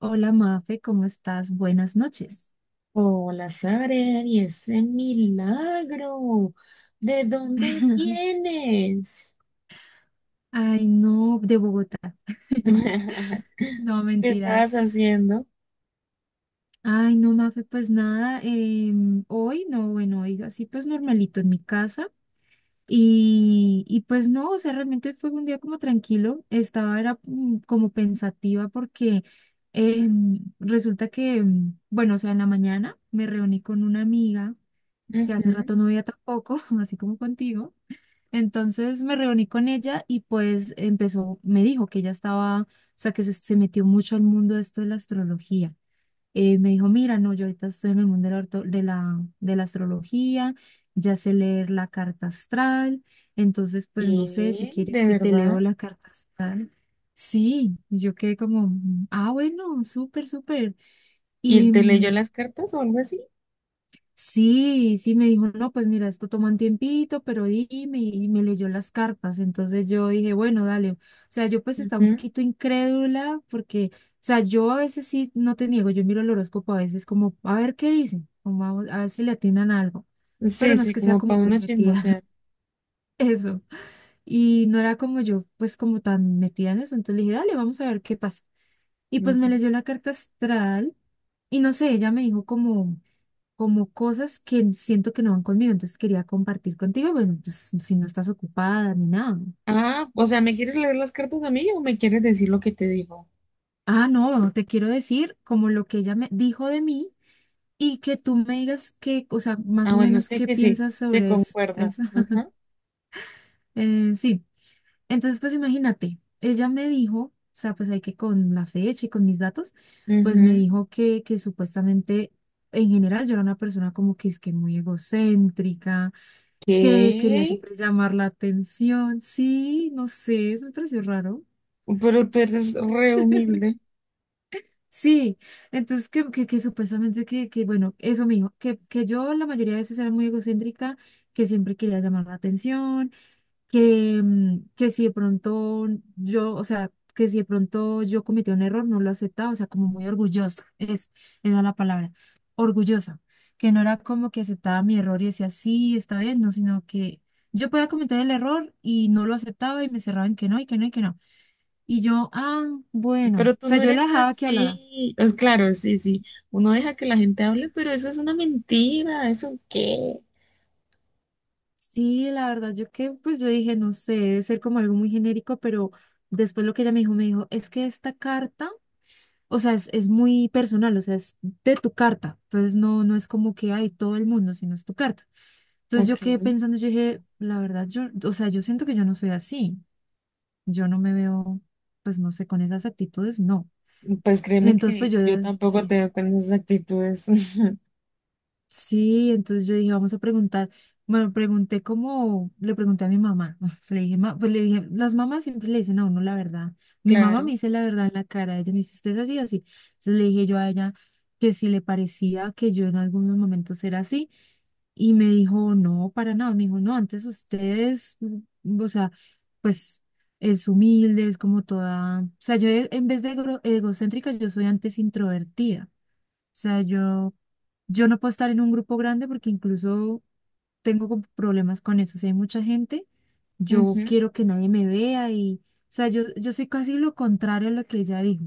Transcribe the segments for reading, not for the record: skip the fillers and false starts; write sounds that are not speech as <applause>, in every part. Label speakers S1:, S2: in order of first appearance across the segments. S1: Hola Mafe, ¿cómo estás? Buenas noches.
S2: Hola, Sara, y ese milagro, ¿de dónde
S1: <laughs>
S2: vienes?
S1: Ay, no, de Bogotá. <laughs>
S2: <laughs>
S1: No,
S2: ¿Qué
S1: mentiras.
S2: estabas haciendo?
S1: Ay, no, Mafe, pues nada, hoy, no, bueno, hoy así pues normalito en mi casa. Y pues no, o sea, realmente fue un día como tranquilo. Estaba, era como pensativa porque resulta que, bueno, o sea, en la mañana me reuní con una amiga que hace
S2: Ujú.
S1: rato no veía tampoco, <laughs> así como contigo. Entonces me reuní con ella y pues empezó, me dijo que ella estaba, o sea, que se metió mucho al mundo de esto de la astrología. Me dijo, mira, no, yo ahorita estoy en el mundo de la astrología, ya sé leer la carta astral, entonces pues no sé si
S2: ¿Qué?
S1: quieres,
S2: ¿De
S1: si te leo
S2: verdad?
S1: la carta astral. Sí, yo quedé como, ah, bueno, súper, súper.
S2: ¿Y él
S1: Y,
S2: te leyó
S1: mm,
S2: las cartas o algo así?
S1: Sí, sí, me dijo, no, pues mira, esto toma un tiempito, pero dime, y me leyó las cartas. Entonces yo dije, bueno, dale. O sea, yo pues estaba un
S2: Ujú.
S1: poquito incrédula porque, o sea, yo a veces sí, no te niego, yo miro el horóscopo a veces como, a ver qué dicen, como a ver si le atinan a algo, pero
S2: Sí,
S1: no es
S2: sí,
S1: que sea
S2: como
S1: como
S2: para
S1: muy
S2: uno
S1: metida,
S2: chismosear.
S1: <laughs> eso. Y no era como yo, pues como tan metida en eso. Entonces le dije, dale, vamos a ver qué pasa. Y pues me
S2: Ujú.
S1: leyó la carta astral y no sé, ella me dijo como cosas que siento que no van conmigo, entonces quería compartir contigo, bueno, pues si no estás ocupada ni nada.
S2: Ah, o sea, ¿me quieres leer las cartas a mí o me quieres decir lo que te digo?
S1: Ah, no, te quiero decir como lo que ella me dijo de mí y que tú me digas qué, o sea, más
S2: Ah,
S1: o
S2: bueno,
S1: menos
S2: sí,
S1: qué
S2: sí, sí,
S1: piensas
S2: se
S1: sobre eso.
S2: concuerda.
S1: Eso.
S2: Ajá.
S1: <laughs> Sí, entonces pues imagínate, ella me dijo, o sea, pues hay que con la fecha y con mis datos, pues
S2: Ujú.
S1: me dijo que supuestamente en general yo era una persona como que es que muy egocéntrica que quería
S2: ¿Qué?
S1: siempre llamar la atención. Sí, no sé, eso me pareció raro.
S2: Pero tú eres re humilde.
S1: <laughs> Sí, entonces que supuestamente bueno, eso mismo, que yo la mayoría de veces era muy egocéntrica, que siempre quería llamar la atención, que si de pronto que si de pronto yo cometí un error, no lo aceptaba, o sea, como muy orgullosa, esa es la palabra, orgullosa, que no era como que aceptaba mi error y decía, sí, está bien, no, sino que yo podía cometer el error y no lo aceptaba y me cerraba en que no, y que no, y que no. Y yo, ah, bueno,
S2: Pero
S1: o
S2: tú
S1: sea,
S2: no
S1: yo la
S2: eres
S1: dejaba que hablara.
S2: así. Pues claro, sí, sí. Uno deja que la gente hable, pero eso es una mentira. ¿Eso qué?
S1: Sí, la verdad, pues yo dije, no sé, debe ser como algo muy genérico, pero después lo que ella me dijo, es que esta carta, o sea, es muy personal, o sea, es de tu carta. Entonces no, no es como que hay todo el mundo, sino es tu carta. Entonces yo
S2: Ok.
S1: quedé pensando, yo dije, la verdad, o sea, yo siento que yo no soy así. Yo no me veo, pues no sé, con esas actitudes, no.
S2: Pues créeme
S1: Entonces, pues
S2: que
S1: yo,
S2: yo tampoco
S1: sí.
S2: te veo con esas actitudes. <laughs>
S1: Sí, entonces yo dije, vamos a preguntar. Bueno, le pregunté a mi mamá. <laughs> O sea, le dije, "Ma", pues le dije, las mamás siempre le dicen a uno la verdad. Mi mamá me
S2: Claro.
S1: dice la verdad en la cara. Ella me dice, usted es así, así. Entonces le dije yo a ella que si le parecía que yo en algunos momentos era así. Y me dijo, no, para nada. Me dijo, no, antes ustedes, o sea, pues es humilde, es como toda. O sea, yo en vez de egocéntrica, yo soy antes introvertida sea, yo no puedo estar en un grupo grande porque incluso tengo como problemas con eso. Si hay mucha gente, yo
S2: Ujú.
S1: quiero que nadie me vea y, o sea, yo soy casi lo contrario a lo que ella dijo.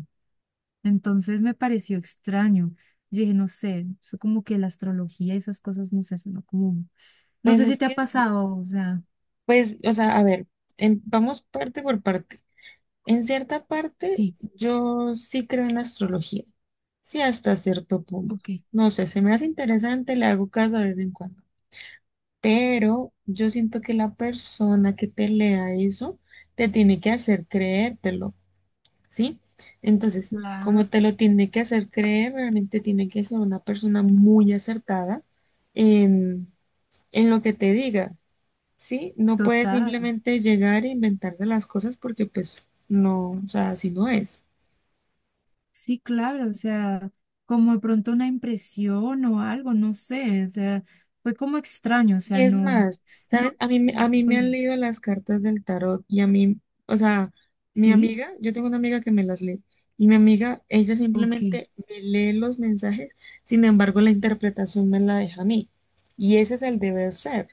S1: Entonces me pareció extraño. Yo dije, no sé, eso como que la astrología y esas cosas, no sé, eso no como, no
S2: Pues
S1: sé si
S2: es
S1: te ha
S2: que,
S1: pasado, o sea,
S2: pues, o sea, a ver, vamos parte por parte. En cierta parte,
S1: sí.
S2: yo sí creo en la astrología. Sí, hasta cierto punto.
S1: Ok.
S2: No sé, se me hace interesante, le hago caso de vez en cuando. Pero yo siento que la persona que te lea eso te tiene que hacer creértelo, ¿sí? Entonces, como
S1: La...
S2: te lo tiene que hacer creer, realmente tiene que ser una persona muy acertada en, en lo que te diga, ¿sí? No puedes
S1: Total.
S2: simplemente llegar e inventarse las cosas porque pues no, o sea, así no es.
S1: Sí, claro, o sea, como de pronto una impresión o algo, no sé, o sea, fue como extraño, o
S2: Y
S1: sea,
S2: es
S1: no,
S2: más,
S1: no,
S2: ¿sabes? A mí, a
S1: no,
S2: mí me han leído las cartas del tarot y a mí, o sea, mi
S1: sí,
S2: amiga, yo tengo una amiga que me las lee y mi amiga, ella
S1: ok,
S2: simplemente me lee los mensajes, sin embargo, la interpretación me la deja a mí. Y ese es el deber ser,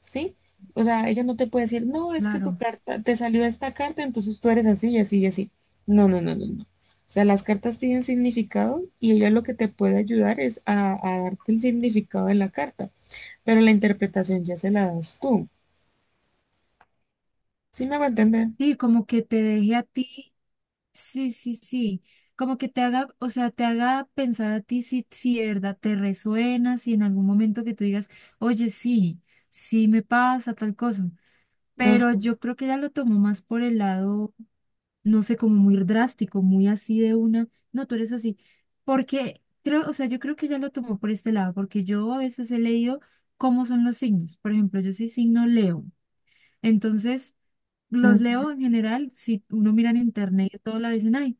S2: ¿sí? O sea, ella no te puede decir, no, es que tu
S1: claro.
S2: carta, te salió esta carta, entonces tú eres así y así y así. No, no, no, no, no. O sea, las cartas tienen significado y ella lo que te puede ayudar es a darte el significado de la carta pero la interpretación ya se la das tú. ¿Sí me hago entender?
S1: Sí, como que te deje a ti, sí, sí, sí, como que te haga, o sea, te haga pensar a ti si de verdad te resuena, si en algún momento que tú digas, oye, sí, sí me pasa tal cosa, pero
S2: Ajá.
S1: yo creo que ella lo tomó más por el lado. No sé, como muy drástico, muy así de una, no, tú eres así, porque creo, o sea, yo creo que ya lo tomó por este lado, porque yo a veces he leído cómo son los signos, por ejemplo, yo soy signo Leo, entonces los
S2: Ujú.
S1: leo en general, si uno mira en internet y todo, la dicen, ay,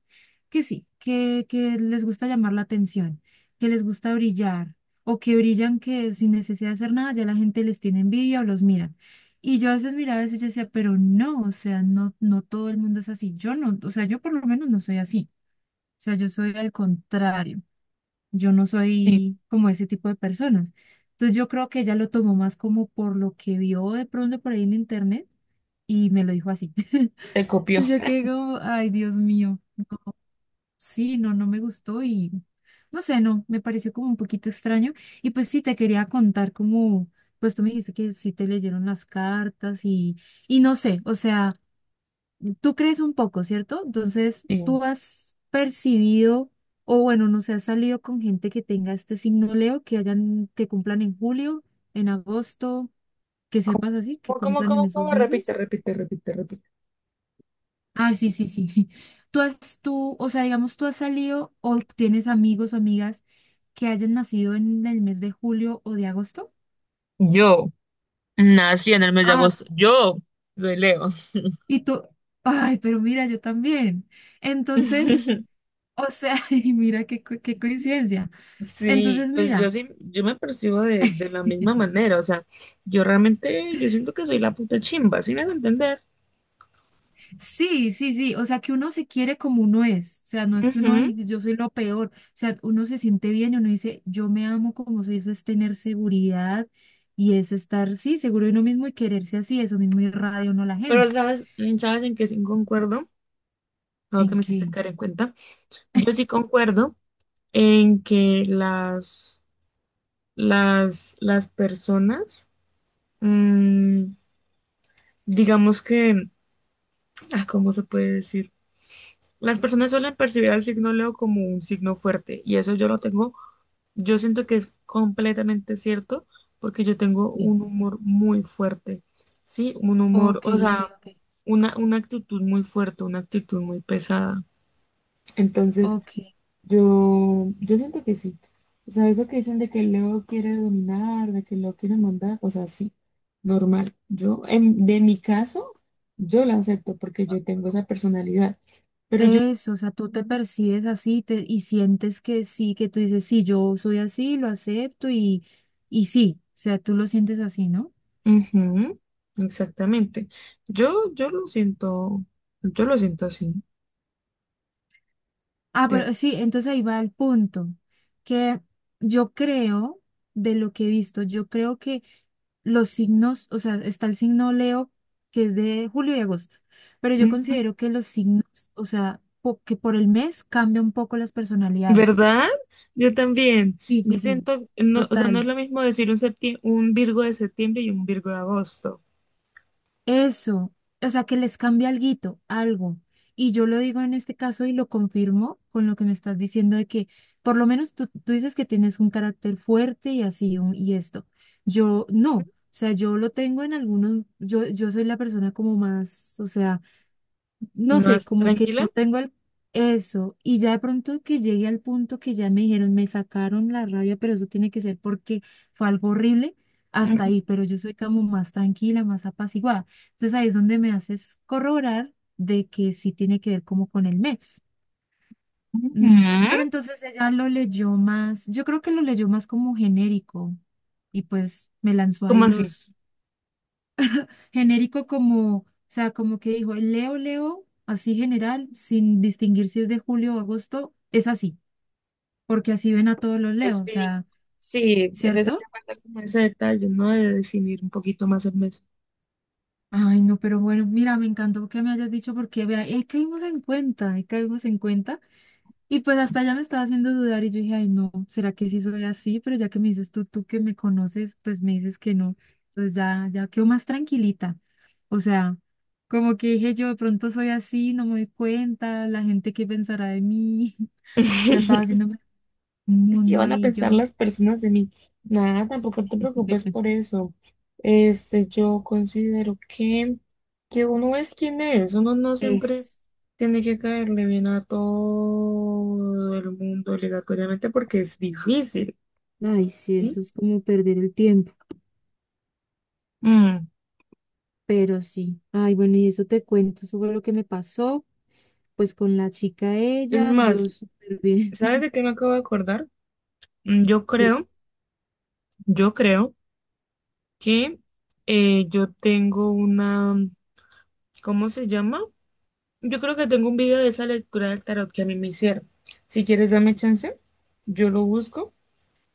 S1: que sí, que les gusta llamar la atención, que les gusta brillar, o que brillan, que sin necesidad de hacer nada ya la gente les tiene envidia o los mira. Y yo a veces miraba eso y yo decía, pero no, o sea, no, no todo el mundo es así. Yo no, o sea, yo por lo menos no soy así. O sea, yo soy al contrario. Yo no
S2: Sí,
S1: soy como ese tipo de personas. Entonces yo creo que ella lo tomó más como por lo que vio de pronto por ahí en internet y me lo dijo así. <laughs> Entonces
S2: te copió.
S1: yo quedé
S2: <laughs>
S1: como, ay, Dios mío, sí, no, no me gustó y no sé, no, me pareció como un poquito extraño. Y pues sí, te quería contar como, pues tú me dijiste que sí te leyeron las cartas y no sé, o sea, tú crees un poco, ¿cierto? Entonces
S2: Sí.
S1: tú has percibido, o bueno, no sé, has salido con gente que tenga este signo Leo, que hayan, que cumplan en julio, en agosto, que
S2: ¿Cómo,
S1: sepas así, que
S2: cómo,
S1: cumplan en
S2: cómo,
S1: esos
S2: cómo? Repite,
S1: meses.
S2: repite, repite, repite.
S1: Ah, sí, sí, sí. <laughs> O sea, digamos, tú has salido o tienes amigos o amigas que hayan nacido en el mes de julio o de agosto.
S2: Yo nací en el mes de
S1: Ah,
S2: agosto. Yo soy Leo.
S1: y tú, ay, pero mira, yo también. Entonces,
S2: <laughs>
S1: o sea, <laughs> y mira qué coincidencia.
S2: Sí,
S1: Entonces,
S2: pues yo
S1: mira.
S2: sí, yo me percibo de la misma manera, o sea, yo realmente, yo siento que soy la puta chimba, ¿sí me hago entender?
S1: Sí, sí, sí, o sea que uno se quiere como uno es, o sea, no es que uno,
S2: Ujú.
S1: ay, yo soy lo peor, o sea, uno se siente bien y uno dice, yo me amo como soy, eso es tener seguridad y es estar, sí, seguro de uno mismo y quererse así, eso mismo irradia uno a la
S2: Pero
S1: gente.
S2: ¿sabes, sabes en qué sí concuerdo? Algo que
S1: ¿En
S2: me hiciste
S1: qué?
S2: caer en cuenta. Yo sí concuerdo en que las las personas, mm, digamos que, ah, ¿cómo se puede decir? Las personas suelen percibir al signo Leo como un signo fuerte y eso yo lo tengo, yo siento que es completamente cierto porque yo tengo
S1: Sí.
S2: un humor muy fuerte, ¿sí? Un humor,
S1: Ok,
S2: o
S1: ok,
S2: sea,
S1: ok,
S2: una actitud muy fuerte, una actitud muy pesada. Entonces,
S1: ok.
S2: yo siento que sí. O sea, eso que dicen de que Leo quiere dominar, de que Leo quiere mandar, o sea, sí, normal. Yo, en, de mi caso, yo la acepto porque yo tengo esa personalidad. Pero yo,
S1: Eso, o sea, tú te percibes así, y sientes que sí, que tú dices, sí, yo soy así, lo acepto y sí, o sea, tú lo sientes así, ¿no?
S2: ujú, exactamente. Yo, yo lo siento así.
S1: Ah,
S2: de-
S1: pero sí, entonces ahí va el punto, que yo creo, de lo que he visto, yo creo que los signos, o sea, está el signo Leo, que es de julio y agosto, pero yo
S2: Ujú,
S1: considero que los signos, o sea, que por el mes cambia un poco las personalidades.
S2: ¿verdad? Yo también.
S1: Sí,
S2: Yo
S1: sí, sí,
S2: siento, no, o sea, no es
S1: total.
S2: lo mismo decir un un Virgo de septiembre y un Virgo de agosto.
S1: Eso, o sea, que les cambia alguito, algo. Y yo lo digo en este caso y lo confirmo con lo que me estás diciendo de que por lo menos tú dices que tienes un carácter fuerte y así y esto. Yo no, o sea, yo lo tengo en algunos, yo soy la persona como más, o sea, no sé,
S2: Más
S1: como que
S2: tranquila.
S1: no tengo el, eso. Y ya de pronto que llegué al punto que ya me dijeron, me sacaron la rabia, pero eso tiene que ser porque fue algo horrible hasta ahí, pero yo soy como más tranquila, más apaciguada. Entonces ahí es donde me haces corroborar de que sí tiene que ver como con el mes.
S2: Ujú.
S1: Pero entonces ella lo leyó más, yo creo que lo leyó más como genérico y pues me lanzó
S2: ¿Cómo
S1: ahí
S2: así?
S1: los. Genérico como, o sea, como que dijo, Leo, Leo, así general, sin distinguir si es de julio o agosto, es así, porque así ven a todos los Leo,
S2: Pues
S1: o
S2: sí,
S1: sea,
S2: sí, es necesario
S1: ¿cierto?
S2: guardar como ese detalle, ¿no? De definir un poquito más el mes.
S1: Ay, no, pero bueno, mira, me encantó que me hayas dicho porque, vea, ahí caímos en cuenta, ahí caímos en cuenta. Y pues hasta ya me estaba haciendo dudar y yo dije, ay, no, ¿será que sí soy así? Pero ya que me dices tú, tú que me conoces, pues me dices que no. Pues ya, ya quedo más tranquilita. O sea, como que dije yo, de pronto soy así, no me doy cuenta, la gente qué pensará de mí. <laughs> Ya estaba
S2: <laughs>
S1: haciéndome un
S2: Es que
S1: mundo
S2: van a
S1: ahí
S2: pensar
S1: yo.
S2: las personas de mí. Nada, tampoco te preocupes por
S1: <laughs>
S2: eso. Este, yo considero que uno es quien es, uno no siempre
S1: Es,
S2: tiene que caerle bien a todo el mundo obligatoriamente porque es difícil,
S1: Ay, sí, eso
S2: ¿sí?
S1: es como perder el tiempo,
S2: Mm,
S1: pero sí, ay, bueno, y eso te cuento, eso fue lo que me pasó, pues con la chica
S2: es
S1: ella, yo
S2: más,
S1: súper bien.
S2: ¿sabes de qué me acabo de acordar? Yo
S1: <laughs> Sí.
S2: creo, yo creo que yo tengo una, ¿cómo se llama? Yo creo que tengo un video de esa lectura del tarot que a mí me hicieron. Si quieres, dame chance, yo lo busco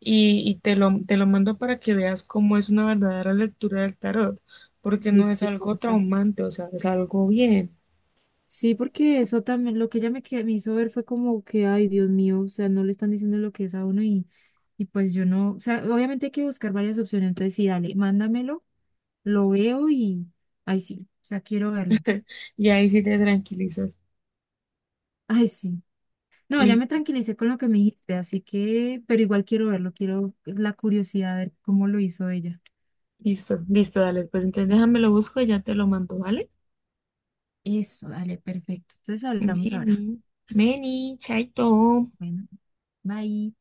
S2: y te lo mando para que veas cómo es una verdadera lectura del tarot, porque
S1: Ay,
S2: no es
S1: sí,
S2: algo
S1: porfa.
S2: traumante, o sea, es algo bien.
S1: Sí, porque eso también, lo que ella me hizo ver fue como que, ay, Dios mío, o sea, no le están diciendo lo que es a uno y pues yo no, o sea, obviamente hay que buscar varias opciones, entonces sí, dale, mándamelo, lo veo y, ay, sí, o sea, quiero verlo.
S2: Y ahí sí te tranquilizas.
S1: Ay, sí. No, ya me
S2: Listo,
S1: tranquilicé con lo que me dijiste, así que, pero igual quiero verlo, quiero la curiosidad de ver cómo lo hizo ella.
S2: listo, listo, dale. Pues entonces déjame lo busco y ya te lo mando, ¿vale?
S1: Eso, dale, perfecto. Entonces hablamos ahora.
S2: Meni, Meni, chaito.
S1: Bueno, bye.